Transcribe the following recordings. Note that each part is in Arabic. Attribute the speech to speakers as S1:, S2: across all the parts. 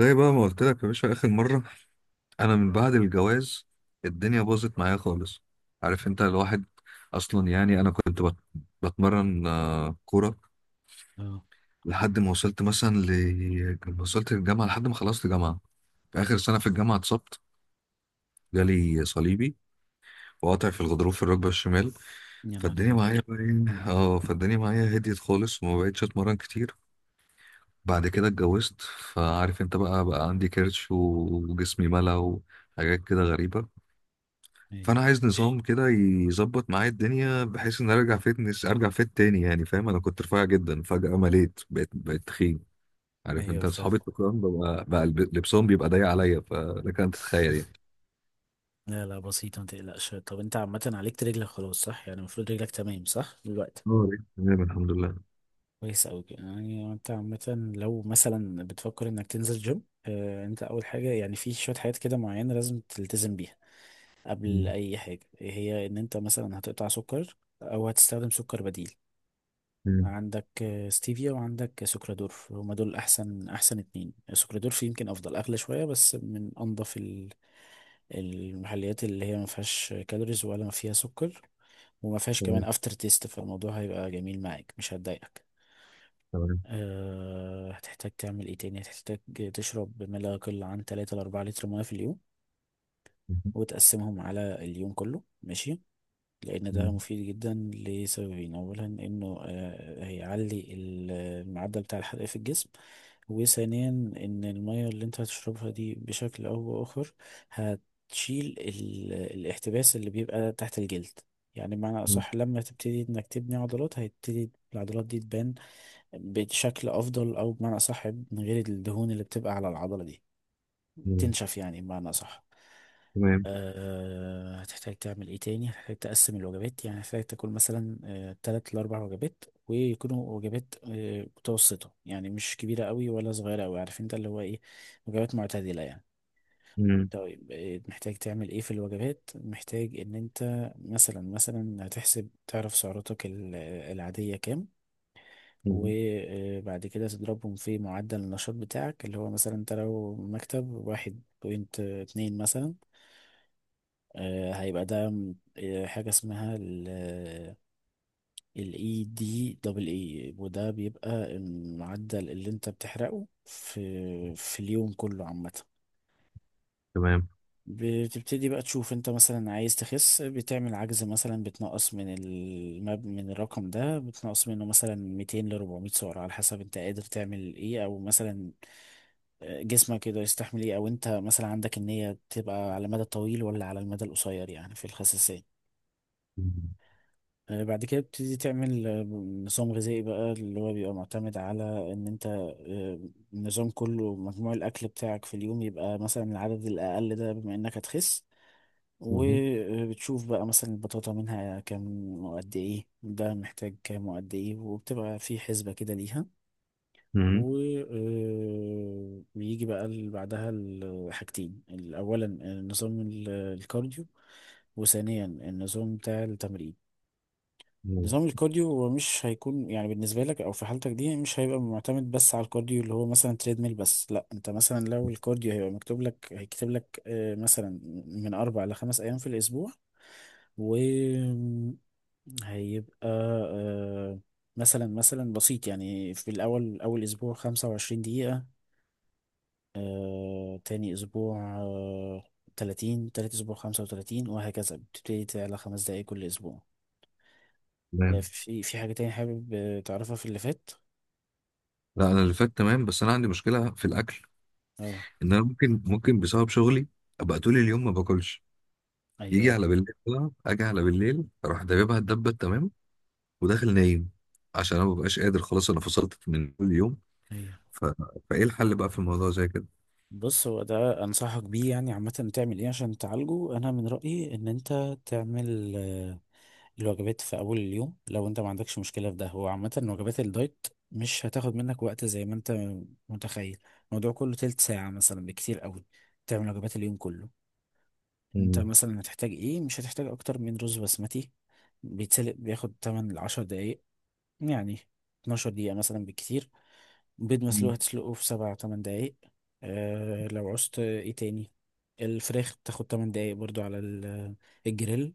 S1: زي بقى ما قلت لك يا باشا، اخر مره، انا من بعد الجواز الدنيا باظت معايا خالص. عارف انت الواحد. اصلا يعني انا كنت بتمرن كوره
S2: اه،
S1: لحد ما وصلت مثلا لما وصلت الجامعه لحد ما خلصت جامعه. في اخر سنه في الجامعه اتصبت، جالي صليبي وقطع في الغضروف في الركبه الشمال.
S2: يا نهار
S1: فالدنيا
S2: ابيض!
S1: معايا بقى إيه؟ اه، فالدنيا معايا هديت خالص وما بقتش اتمرن كتير. بعد كده اتجوزت، فعارف انت بقى عندي كرش وجسمي ملا وحاجات كده غريبة.
S2: ايوه،
S1: فانا عايز نظام كده يظبط معايا الدنيا بحيث ان ارجع فيت تاني يعني فاهم. انا كنت رفيع جدا فجأة مليت، بقيت تخين. عارف
S2: ايوه
S1: انت
S2: فعلا.
S1: اصحابي التخان ببقى بقى لبسهم بيبقى ضيق عليا، فلك ان تتخيل يعني.
S2: لا لا، بسيطة ما تقلقش. طب انت عامة عليك رجلك خلاص، صح؟ يعني المفروض رجلك تمام، صح دلوقتي.
S1: اه، بقيت تمام، الحمد لله.
S2: كويس أوي كده. يعني انت عامة لو مثلا بتفكر انك تنزل جيم، انت اول حاجة يعني في شوية حاجات كده معينة لازم تلتزم بيها. قبل
S1: مم.
S2: اي حاجة، هي ان انت مثلا هتقطع سكر او هتستخدم سكر بديل.
S1: مم.
S2: عندك ستيفيا، وعندك سكرادورف. هما دول احسن احسن اتنين. سكرادورف يمكن افضل، اغلى شويه بس، من انضف المحليات اللي هي ما فيهاش كالوريز ولا ما فيها سكر، وما فيهاش كمان
S1: تمام.
S2: افتر تيست. فالموضوع هيبقى جميل معاك، مش هتضايقك.
S1: تمام.
S2: أه، هتحتاج تعمل ايه تاني؟ هتحتاج تشرب ما لا يقل عن 3 ل 4 لتر ميه في اليوم، وتقسمهم على اليوم كله، ماشي. لأن ده
S1: مم.
S2: مفيد جدا لسببين: أولا إنه هيعلي المعدل بتاع الحرق في الجسم، وثانيا إن المية اللي أنت هتشربها دي بشكل أو بآخر هتشيل الاحتباس اللي بيبقى تحت الجلد. يعني بمعنى
S1: مم.
S2: أصح، لما تبتدي إنك تبني عضلات هيبتدي العضلات دي تبان بشكل أفضل، أو بمعنى أصح من غير الدهون اللي بتبقى على العضلة دي،
S1: مم.
S2: تنشف يعني بمعنى أصح.
S1: تمام.
S2: هتحتاج تعمل ايه تاني؟ هتحتاج تقسم الوجبات. يعني هتحتاج تاكل مثلا تلات لأربع وجبات، ويكونوا وجبات متوسطة، يعني مش كبيرة قوي ولا صغيرة قوي، عارف انت اللي هو ايه، وجبات معتدلة يعني.
S1: مم.
S2: طيب محتاج تعمل ايه في الوجبات؟ محتاج ان انت مثلا هتحسب تعرف سعراتك العادية كام،
S1: مم.
S2: وبعد كده تضربهم في معدل النشاط بتاعك اللي هو مثلا انت لو مكتب 1.2 مثلا. هيبقى ده حاجة اسمها الاي دي دبل اي، وده بيبقى المعدل اللي انت بتحرقه في اليوم كله عامة.
S1: تمام.
S2: بتبتدي بقى تشوف انت مثلا عايز تخس، بتعمل عجز مثلا، بتنقص من من الرقم ده، بتنقص منه مثلا 200 ل 400 سعر على حسب انت قادر تعمل ايه، او مثلا جسمك يقدر يستحمل ايه، او انت مثلا عندك النية تبقى على المدى الطويل ولا على المدى القصير يعني في الخساسية.
S1: مم.
S2: بعد كده بتبتدي تعمل نظام غذائي بقى، اللي هو بيبقى معتمد على ان انت النظام كله مجموع الاكل بتاعك في اليوم يبقى مثلا العدد الاقل ده، بما انك هتخس.
S1: مم.
S2: وبتشوف بقى مثلا البطاطا منها كام وقد ايه، ده محتاج كام وقد ايه، وبتبقى في حسبة كده ليها.
S1: مم.
S2: وبيجي بقى بعدها حاجتين اولا نظام الكارديو، وثانيا النظام بتاع التمرين.
S1: مم.
S2: نظام الكارديو هو مش هيكون يعني بالنسبة لك أو في حالتك دي مش هيبقى معتمد بس على الكارديو اللي هو مثلا تريدميل بس، لا. أنت مثلا لو الكارديو هيبقى مكتوب لك هيكتب لك مثلا من أربع لخمس أيام في الأسبوع، و هيبقى آه، مثلا بسيط، يعني في الأول أول أسبوع 25 دقيقة، تاني أسبوع 30، تالت أسبوع 35، وهكذا بتبتدي تعلى خمس دقايق كل أسبوع.
S1: تمام.
S2: في حاجة تانية حابب تعرفها في اللي فات؟
S1: لا، انا اللي فات تمام، بس انا عندي مشكلة في الاكل.
S2: اه،
S1: ان انا ممكن بسبب شغلي ابقى طول اليوم ما باكلش. يجي
S2: أيوه،
S1: على بالليل بقى، اجي على بالليل، اروح دببها الدبه تمام. وداخل نايم عشان انا مبقاش قادر خلاص، انا فصلت من كل يوم.
S2: أيوه.
S1: ف... فايه الحل بقى في الموضوع زي كده؟
S2: بص، هو ده أنصحك بيه يعني عامة. تعمل إيه عشان تعالجه؟ أنا من رأيي إن أنت تعمل الوجبات في أول اليوم، لو أنت ما عندكش مشكلة في ده. هو عامة وجبات الدايت مش هتاخد منك وقت زي ما أنت متخيل. الموضوع كله تلت ساعة مثلا بكتير قوي، تعمل وجبات اليوم كله. انت
S1: مم.
S2: مثلا هتحتاج ايه؟ مش هتحتاج اكتر من رز بسمتي بيتسلق، بياخد 8 ل 10 دقايق، يعني 12 دقيقة مثلا بالكتير. بيض مسلوق
S1: مم.
S2: هتسلقه في 7 8 دقايق. أه، لو عوزت ايه تاني؟ الفراخ بتاخد 8 دقايق برضو على الجريل.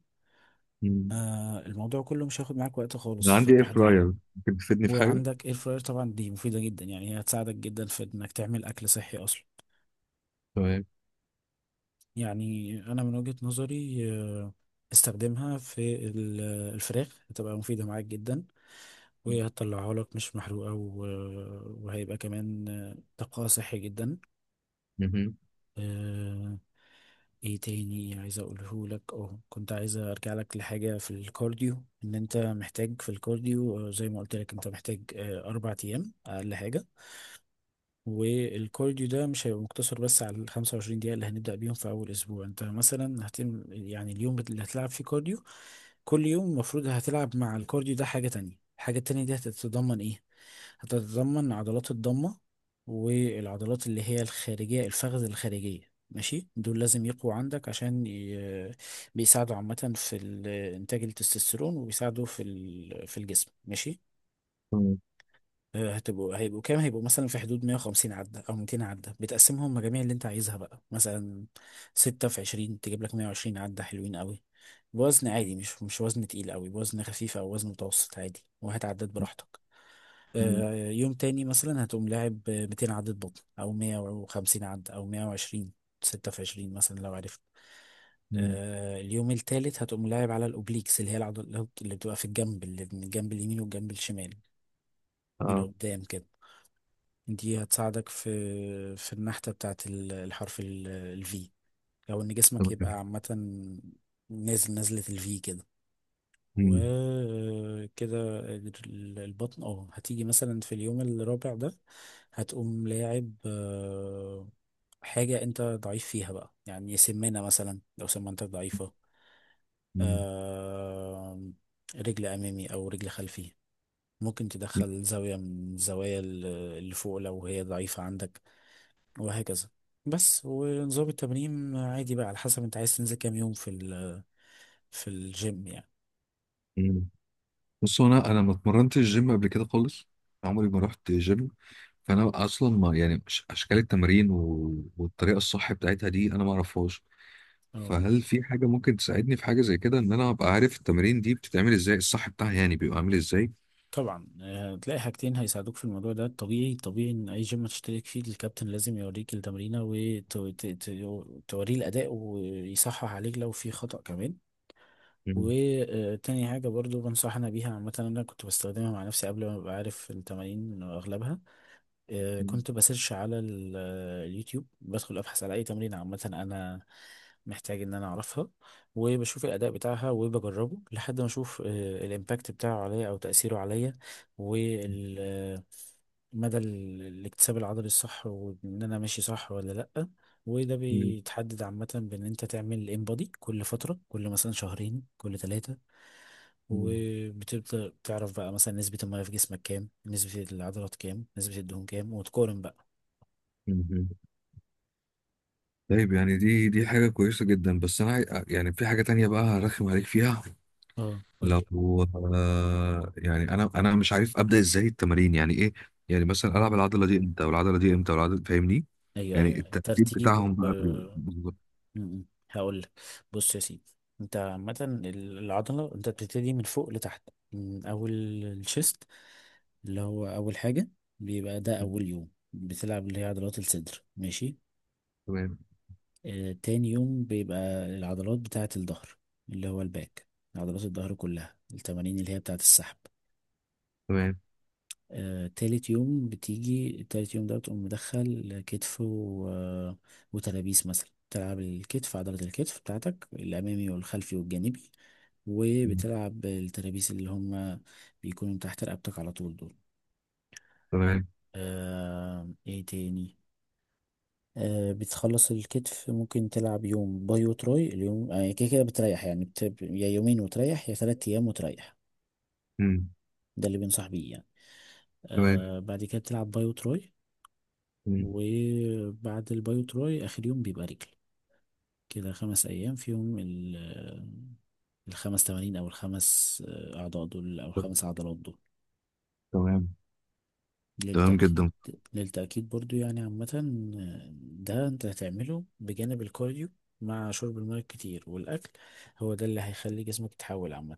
S1: مم.
S2: أه، الموضوع كله مش هياخد معاك وقت خالص
S1: انا
S2: في
S1: عندي اير
S2: التحضير.
S1: فراير، ممكن تفيدني في حاجه؟
S2: وعندك اير فراير طبعا، دي مفيدة جدا يعني، هي هتساعدك جدا في انك تعمل اكل صحي اصلا.
S1: تمام.
S2: يعني أنا من وجهة نظري استخدمها في الفراخ، هتبقى مفيدة معاك جدا، وهتطلعها لك مش محروقة، وهيبقى كمان طاقة صحي جدا.
S1: مهم.
S2: آه، ايه تاني عايز اقوله لك؟ اه، كنت عايز ارجع لك لحاجة في الكارديو. ان انت محتاج في الكارديو زي ما قلت لك، انت محتاج اربع ايام اقل حاجة. والكارديو ده مش هيبقى مقتصر بس على ال 25 دقيقة اللي هنبدأ بيهم في أول أسبوع. أنت مثلا يعني اليوم اللي هتلعب فيه كارديو كل يوم المفروض هتلعب مع الكارديو ده حاجة تانية. الحاجة التانية دي هتتضمن إيه؟ هتتضمن عضلات الضمة، والعضلات اللي هي الخارجية، الفخذ الخارجية، ماشي. دول لازم يقووا عندك عشان بيساعدوا عامة في إنتاج التستوستيرون، وبيساعدوا في الجسم، ماشي.
S1: تمام.
S2: هيبقوا كام؟ هيبقوا مثلا في حدود 150 عدة أو 200 عدة، بتقسمهم مجاميع اللي أنت عايزها بقى، مثلا ستة في 20 تجيب لك 120 عدة حلوين قوي، بوزن عادي، مش وزن تقيل قوي، بوزن خفيف أو وزن متوسط عادي، وهات عدات براحتك.
S1: مم.
S2: يوم تاني مثلا هتقوم لاعب 200 عدة بطن، أو 150 عدة، أو 120، ستة في 20 مثلا لو عرفت.
S1: مم.
S2: اليوم التالت هتقوم لاعب على الأوبليكس، اللي هي العضلات اللي بتبقى في الجنب، اللي من الجنب اليمين والجنب الشمال من
S1: اه.
S2: قدام كده. دي هتساعدك في النحتة بتاعت الحرف الفي، او ان جسمك
S1: تمام.
S2: يبقى عامة نازل نزلة الفي كده.
S1: مم.
S2: وكده البطن. اه، هتيجي مثلا في اليوم الرابع ده هتقوم لاعب حاجة انت ضعيف فيها بقى، يعني سمانة مثلا لو سمانتك ضعيفة،
S1: مم.
S2: آه، رجل أمامي أو رجل خلفي. ممكن تدخل زاوية من الزوايا اللي فوق لو هي ضعيفة عندك، وهكذا. بس، ونظام التمرين عادي بقى على حسب انت عايز تنزل كام يوم في في الجيم يعني.
S1: مم. بص، هو انا ما اتمرنتش جيم قبل كده خالص، عمري ما رحت جيم. فانا اصلا ما يعني اشكال التمارين والطريقه الصح بتاعتها دي انا ما اعرفهاش.
S2: اه،
S1: فهل في حاجه ممكن تساعدني في حاجه زي كده، ان انا ابقى عارف التمارين دي بتتعمل ازاي، الصح بتاعها يعني بيبقى عامل ازاي؟
S2: طبعا. هتلاقي حاجتين هيساعدوك في الموضوع ده. طبيعي ان اي جيم هتشترك فيه الكابتن لازم يوريك التمرينه وتوريه الاداء ويصحح عليك لو في خطأ كمان.
S1: مم.
S2: وتاني حاجه برضو بنصحنا بيها عامه، انا كنت بستخدمها مع نفسي قبل ما ابقى عارف التمارين اغلبها.
S1: مم.
S2: كنت بسيرش على اليوتيوب، بدخل ابحث على اي تمرين عامه انا محتاج ان انا اعرفها، وبشوف الاداء بتاعها وبجربه لحد ما اشوف الامباكت بتاعه عليا او تاثيره عليا، ومدى الاكتساب العضلي الصح، وان انا ماشي صح ولا لا. وده
S1: مم.
S2: بيتحدد عامه بان انت تعمل انبادي كل فتره، كل مثلا شهرين، كل ثلاثه،
S1: مم.
S2: وبتبدأ تعرف بقى مثلا نسبة المياه في جسمك كام، نسبة العضلات كام، نسبة الدهون كام، وتقارن بقى.
S1: مم. طيب يعني دي حاجه كويسه جدا، بس انا يعني في حاجه تانية بقى هرخم عليك فيها.
S2: اه، قول لي.
S1: لو يعني انا مش عارف ابدا ازاي التمارين يعني ايه. يعني مثلا
S2: مم.
S1: العب العضله دي امتى، والعضله دي امتى، والعضله فاهمني.
S2: ايوه،
S1: يعني
S2: ايوه،
S1: الترتيب
S2: ترتيب،
S1: بتاعهم بقى بيبقى بالظبط؟
S2: م- م. هقول لك. بص يا سيدي، انت عامة العضلة انت بتبتدي من فوق لتحت، من اول الشيست اللي هو اول حاجة، بيبقى ده
S1: مم.
S2: اول يوم بتلعب، اللي هي عضلات الصدر، ماشي.
S1: تمام.
S2: آه، تاني يوم بيبقى العضلات بتاعة الظهر، اللي هو الباك، عضلات الظهر كلها، التمارين اللي هي بتاعة السحب.
S1: تمام.
S2: تالت يوم بتيجي، تالت يوم ده بتقوم مدخل كتف و... آه، وترابيس. مثلا تلعب الكتف، عضلة الكتف بتاعتك الأمامي والخلفي والجانبي،
S1: مم.
S2: وبتلعب الترابيس اللي هم بيكونوا تحت رقبتك على طول دول.
S1: تمام.
S2: آه، ايه تاني؟ آه، بتخلص الكتف ممكن تلعب يوم باي وتراي. اليوم كده كده بتريح، يعني يا يومين وتريح، يا تلات أيام وتريح.
S1: مم.
S2: ده اللي بنصح بيه يعني.
S1: تمام.
S2: آه، بعد كده بتلعب باي وتراي،
S1: مم.
S2: وبعد البايو تراي آخر يوم بيبقى رجل. كده خمس أيام فيهم الخمس تمارين، أو الخمس أعضاء دول، أو
S1: ت-
S2: الخمس عضلات دول.
S1: تمام. تمام
S2: للتأكيد،
S1: جدا.
S2: للتأكيد برضو يعني عامة، آه، ده انت هتعمله بجانب الكارديو مع شرب الماء كتير والأكل. هو ده اللي هيخلي جسمك يتحول عامة.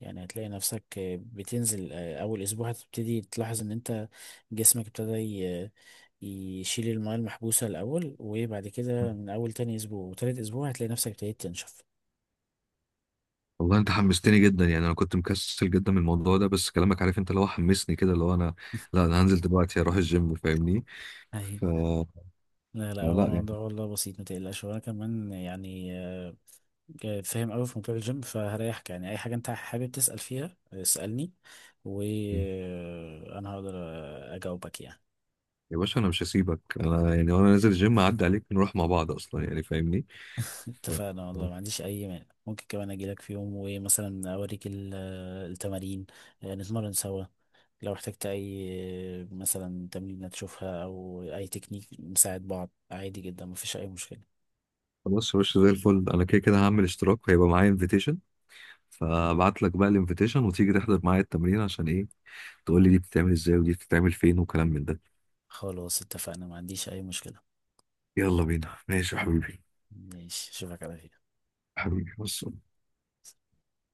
S2: يعني هتلاقي نفسك بتنزل، أول أسبوع هتبتدي تلاحظ إن أنت جسمك ابتدى يشيل الماء المحبوسة الأول، وبعد كده من أول تاني أسبوع وتالت أسبوع هتلاقي نفسك ابتديت تنشف.
S1: والله انت حمستني جدا، يعني انا كنت مكسل جدا من الموضوع ده، بس كلامك عارف انت اللي هو حمسني كده اللي هو انا. لا، انا هنزل دلوقتي اروح الجيم فاهمني.
S2: أيوة.
S1: ف...
S2: لا لا، هو
S1: فلا
S2: الموضوع والله بسيط، متقلقش، وأنا كمان يعني فاهم قوي في موضوع الجيم، فهريحك. يعني اي حاجه انت حابب تسال فيها، اسالني
S1: يعني
S2: وانا هقدر اجاوبك يعني.
S1: يا باشا، انا مش هسيبك، انا يعني وانا نازل الجيم اعدي عليك نروح مع بعض اصلا يعني فاهمني. ف-
S2: اتفقنا والله، ما عنديش اي مانع. ممكن كمان اجي لك في يوم ومثلا اوريك التمارين، نتمرن سوا. لو احتجت اي مثلا تمرين تشوفها، او اي تكنيك، نساعد بعض عادي جدا، مفيش اي مشكله.
S1: خلاص يا باشا، زي الفل، انا كده كده هعمل اشتراك هيبقى معايا انفيتيشن، فابعت لك بقى الانفيتيشن وتيجي تحضر معايا التمرين، عشان ايه؟ تقول لي دي بتتعمل ازاي ودي بتتعمل فين وكلام من ده.
S2: خلاص اتفقنا، ما عنديش اي مشكله.
S1: يلا بينا. ماشي يا حبيبي.
S2: ماشي، اشوفك على خير.
S1: حبيبي بص.